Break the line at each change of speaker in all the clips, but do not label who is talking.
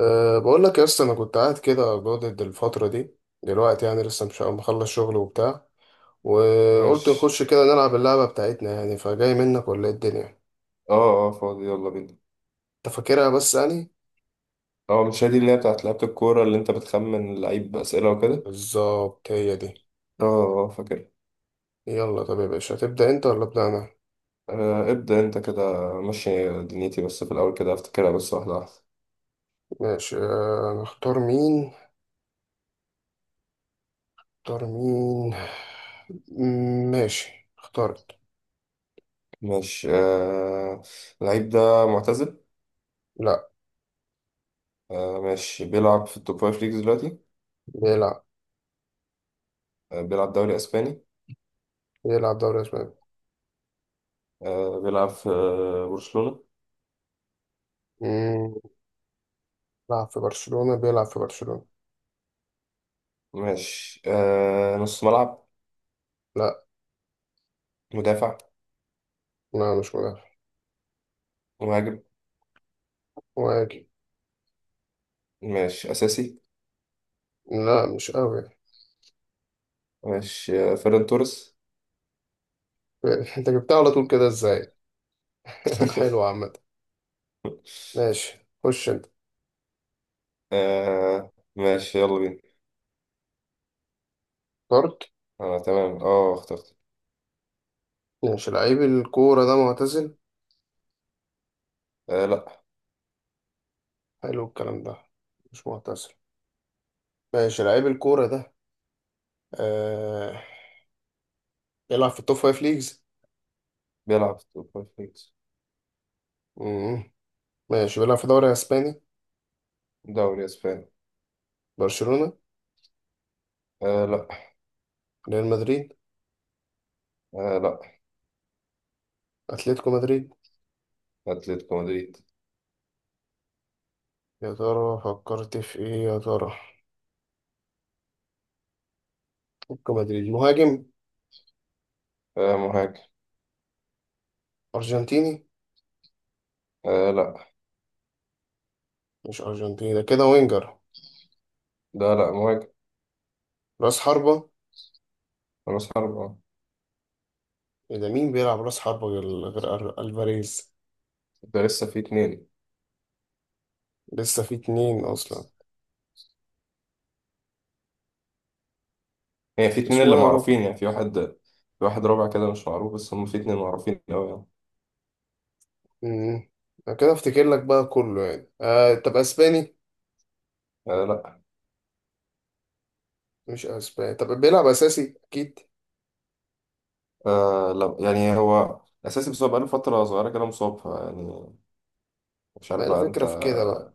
بقول لك يا اسطى، انا كنت قاعد كده جادد الفتره دي. دلوقتي يعني لسه مش مخلص شغل وبتاع، وقلت
ماشي.
نخش كده نلعب اللعبه بتاعتنا. يعني فجاي منك ولا ايه الدنيا؟
اه فاضي، يلا بينا.
انت فاكرها بس يعني؟
اه، مش هي دي اللي هي بتاعت لعبة الكورة اللي انت بتخمن اللعيب بأسئلة وكده؟
بالظبط هي دي.
اه. اه فاكر.
يلا طب يا باشا، هتبدا انت ولا ابدا انا؟
آه ابدأ انت كده، ماشي دنيتي، بس في الأول كده افتكرها بس واحدة واحدة.
ماشي. نختار مين؟ نختار مين ماشي، اخترت.
ماشي آه. اللعيب ده معتزل؟
لا.
آه ماشي. بيلعب في التوب فايف ليجز دلوقتي.
بيلعب
آه بيلعب دوري أسباني.
بيلعب دوري اسباني.
آه بيلعب في برشلونة.
مم، بيلعب في برشلونه.
ماشي آه، نص ملعب؟
لا.
مدافع؟
لا مش مدافع.
مهاجم.
مهاجم.
ماشي، أساسي؟
لا مش قوي.
ماشي آه، فيران توريس.
انت جبتها على طول كده ازاي؟ حلو عامة. ماشي، خش انت.
آه ماشي، يلا بينا.
اخترت.
أنا تمام، أه اخترت.
ماشي، لعيب الكورة ده معتزل؟
آه لأ.
حلو الكلام ده. مش معتزل. ماشي، لعيب الكورة ده آه... بيلعب في التوب فايف ليجز.
بيلعب في السوبر ليجز.
مم. ماشي، بيلعب في دوري اسباني.
دوري أسباني.
برشلونة؟
آه لأ.
ريال مدريد؟
آه لأ.
اتلتيكو مدريد.
أتلتيكو مدريد.
يا ترى فكرت في ايه يا ترى؟ اتلتيكو مدريد مهاجم.
آه مهاجم.
ارجنتيني؟
آه لأ.
مش ارجنتيني، ده كده وينجر.
لا لأ مهاجم.
راس حربة.
رأس حرب أه.
ده مين بيلعب راس حربة غير ألفاريز؟
ده لسه في اتنين.
لسه في اتنين أصلا.
يعني في اتنين
اسمه
اللي
إيه يا ربي؟
معروفين، يعني في واحد. في واحد رابع كده مش معروف، بس هم في اتنين معروفين أوي يعني.
مم. أنا كده أفتكر لك بقى كله يعني. طب أسباني؟
آه لأ.
مش أسباني. طب بيلعب أساسي أكيد.
آه لأ يعني هو أساسي، بس هو بقاله فترة صغيرة كده مصاب يعني. مش
ما
عارف
هي
بقى أنت.
الفكرة في كده بقى.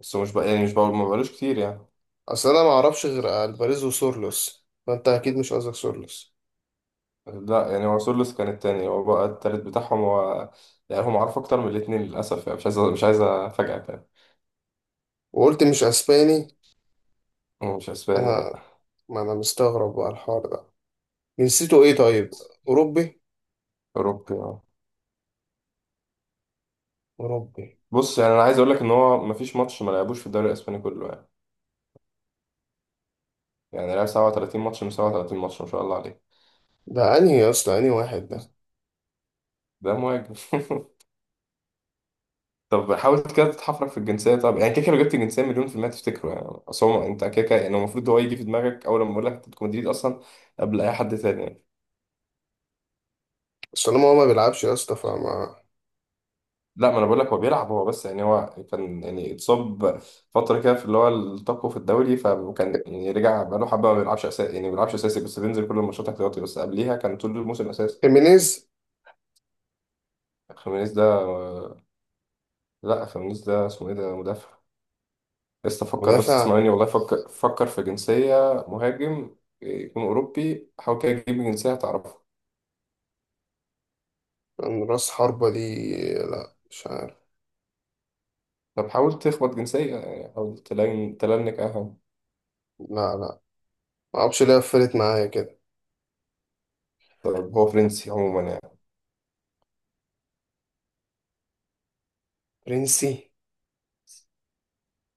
بس هو مش بقى ما بقالوش كتير يعني.
أصل أنا معرفش غير ألفاريز وسورلوس، فأنت أكيد مش قصدك سورلوس.
لا يعني هو سولوس كان التاني، هو بقى التالت بتاعهم هو. يعني هم عارف اكتر من الاتنين للاسف يعني، مش عايز افاجئك يعني.
وقلت مش أسباني.
هو مش اسباني،
أنا،
لا.
ما أنا مستغرب بقى الحوار ده. جنسيته إيه طيب؟ أوروبي؟
اوروبي اه.
أوروبي.
بص يعني انا عايز اقول لك ان هو مفيش ماتش ما لعبوش في الدوري الاسباني كله يعني. يعني لعب 37 ماتش من 37 ماتش، ما شاء الله عليه.
ده أنهي يا اسطى؟ أنهي واحد ده؟
ده مهاجم. طب حاول كده تتحفرك في الجنسيه. طب يعني كده كده لو جبت الجنسيه مليون في المية تفتكره يعني. اصل هو انت كده كده يعني المفروض هو يجي في دماغك اول لما اقول لك أنت بتكون مدريد اصلا، قبل اي حد تاني يعني.
أصل أنا ما هو ما بيلعبش يا اسطى فما.
لا، ما انا بقول لك هو بيلعب، هو بس يعني هو كان يعني اتصاب فتره كده في اللي هو التقوى في الدوري، فكان يعني رجع بقاله حبه ما بيلعبش اساسي يعني، ما بيلعبش اساسي بس بينزل كل الماتشات احتياطي، بس قبليها كان طول الموسم اساسي.
خيمينيز.
خيمينيز ده؟ لا خيمينيز ده اسمه ايه، ده مدافع. لسه فكر بس،
مدافع؟
اسمعني والله، فكر في جنسيه. مهاجم. يكون اوروبي، حاول كده تجيب جنسيه هتعرفها.
من راس حربة دي. لا مش عارف.
طب حاول تخبط جنسيه، يعني حاول تلنك اهم.
لا لا، ما اعرفش ليه قفلت معايا كده.
طب هو فرنسي عموما يعني.
برنسي؟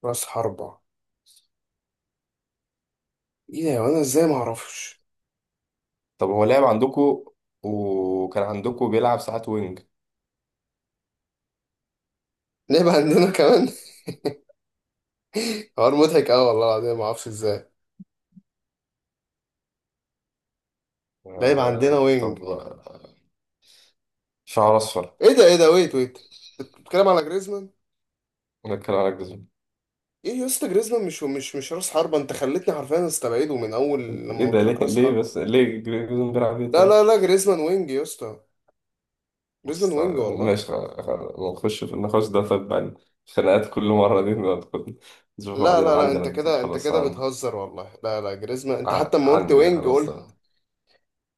راس حربة؟ ايه ده، وانا ازاي ما اعرفش.
طب هو لعب عندكو، وكان عندكو بيلعب ساعات وينج.
لعب عندنا كمان؟ حوار مضحك قوي والله العظيم، ما اعرفش ازاي. لعب عندنا
آه
وينج.
طب، شعر اصفر.
ايه ده، ايه ده، ويت ويت. بتتكلم على جريزمان؟
نتكلم على جريزمان.
ايه يا اسطى، جريزمان مش راس حربة. انت خلتني حرفيا استبعده من اول
ايه
لما
ده،
قلت
ليه؟
لك راس
ليه
حربة.
بس ليه جريزمان بيلعب ايه
لا
طيب؟
لا لا، جريزمان وينج يا اسطى. جريزمان
بس
وينج
آه،
والله.
ماشي نخش في النقاش ده طيب بعد، خناقات كل مرة دي ندخل، نشوف
لا
بعدين
لا لا،
عندنا
انت
دي. طب
كده انت
خلاص
كده بتهزر والله. لا لا جريزمان. انت حتى لما قلت
عندي يعني،
وينج
خلاص
قلت.
ده.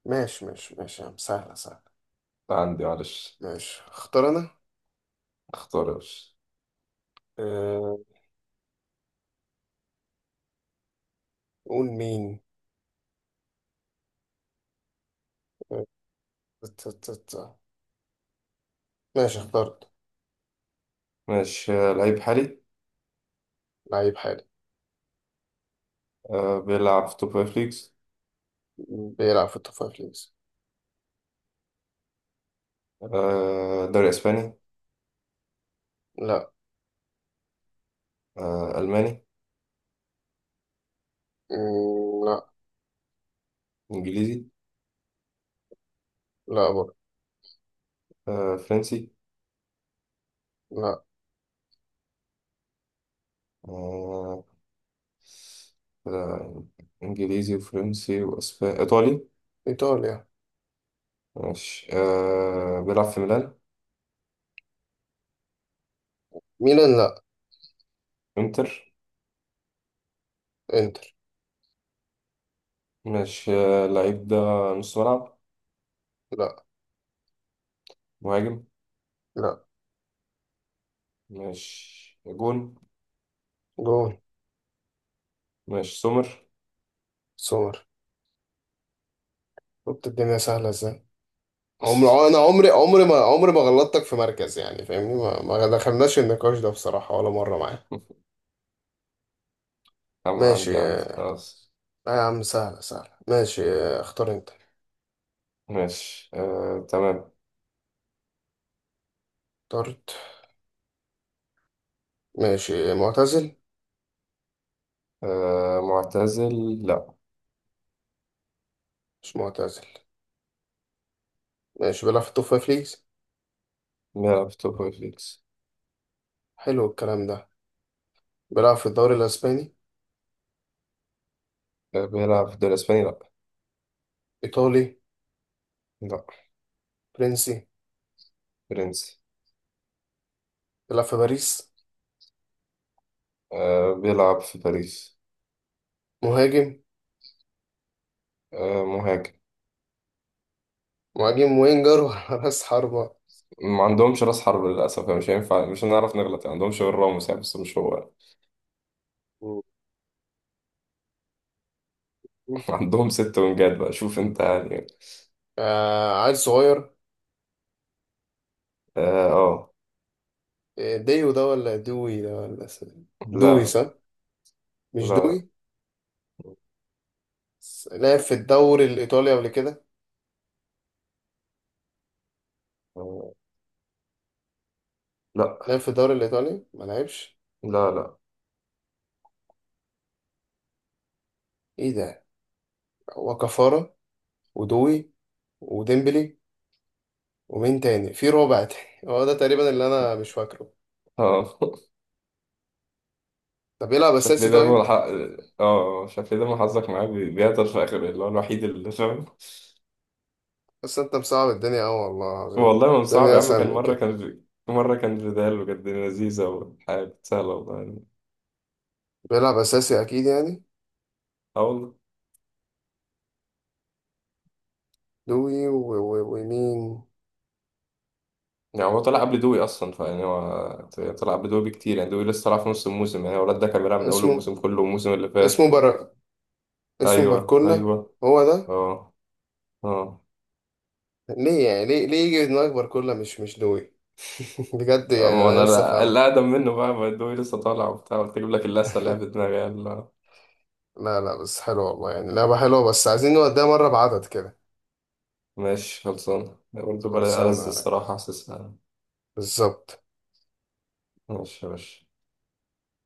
ماشي ماشي ماشي يا عم، سهلة سهلة.
عندي معلش.
ماشي، اختار انا.
اختار يا باشا.
أه... قول مين. أه... ت- ت- ت- ماشي، اخترت.
ماشي آه، لعيب حالي.
لعيب حالي.
آه بيلعب في توب فايف ليجز.
بيلعب في التوب فايف ليجز.
آه دوري اسباني.
لا.
آه الماني.
مم، لا.
انجليزي.
لا برضه.
آه، فرنسي.
لا.
آه، آه، إنجليزي وفرنسي وأسباني، إيطالي.
ايطاليا.
ماشي آه، بيلعب في ميلان.
ميلان لا.
إنتر.
انتر.
ماشي آه، اللعيب ده نص ملعب؟
لا.
مهاجم؟
لا.
ماشي جون.
جون.
ماشي سومر.
سومر. شفت الدنيا سهلة ازاي. انا عمري ما غلطتك في مركز. يعني فاهمني، ما دخلناش النقاش ده بصراحة ولا مرة معاه.
عم- عندي
ماشي
عندي
آه
خلاص.
يا عم سهلة سهلة. ماشي، اختار انت.
ماشي آه، تمام.
اخترت. ماشي معتزل؟
آه، معتزل؟ لا.
مش معتزل. ماشي بيلعب في التوب فايف ليجز.
بيلعب في توب فايف ليجز.
حلو الكلام ده. بيلعب في الدوري الاسباني؟
آه، بيلعب في الدوري الإسباني؟ لا.
ايطالي؟
لا.
فرنسي.
فرنسي.
بيلعب في باريس.
آه، بيلعب في باريس.
مهاجم.
آه، مهاجم.
مهاجم وينجر ولا راس حربة؟
ما عندهمش راس حرب للأسف يعني، مش هينفع مش هنعرف نغلط يعني، عندهمش غير راموس يعني بس مش هو.
مم.
عندهم ست ونجات بقى، شوف انت يعني.
عيل صغير.
اه آه.
ديو ده ولا دوي ده ولا دوي
لا.
صح.
لا.
مش
لا.
دوي. لعب في الدوري الإيطالي قبل كده؟
آه، لا.
لعب في الدوري الإيطالي ما لعبش؟
لا. لا.
إيه ده. هو كفارة، ودوي، وديمبلي، ومين تاني في رابع تاني؟ هو ده تقريبا اللي أنا مش فاكره.
اه.
طب بيلعب
شاف ليه
أساسي
دايما
طيب؟
اه شاف ليه دايما حظك معاه بيعطل في اخر اللي هو الوحيد اللي فاهم.
بس أنت مصعب الدنيا أوي والله العظيم.
والله ما صعب
الدنيا
يا عم،
أسهل
كان
من
مرة
كده.
كان مرة كان فيدال وكانت الدنيا لذيذة وحاجة سهلة والله.
بيلعب أساسي أكيد يعني.
اه والله.
دوي و... ومين.
يعني هو طلع قبل دوي اصلا، فيعني هو طلع قبل دوي بكتير يعني، دوي لسه طلع في نص الموسم، يعني الولد ده كان بيلعب من اول
اسمه.
الموسم كله والموسم اللي
اسمه
فات
بر... اسمه
ايوه
باركولا.
ايوه
هو ده.
اه. اه.
ليه يعني، ليه يجي في دماغك باركولا مش دوي؟ بجد يعني
ما
أنا
انا
نفسي أفهمها.
الاقدم منه بقى، ما دوي لسه طالع وبتاع، قلت اجيب لك اللسه اللي هي في دماغي يلا.
لا لا، بس حلو والله. يعني لعبة حلوة، بس عايزين نوديها مرة بعدد كده.
ماشي خلصان برضه، بلا
خلصانة
ألذ
يا ريس.
الصراحه حاسسها.
بالظبط.
ماشي يا باشا.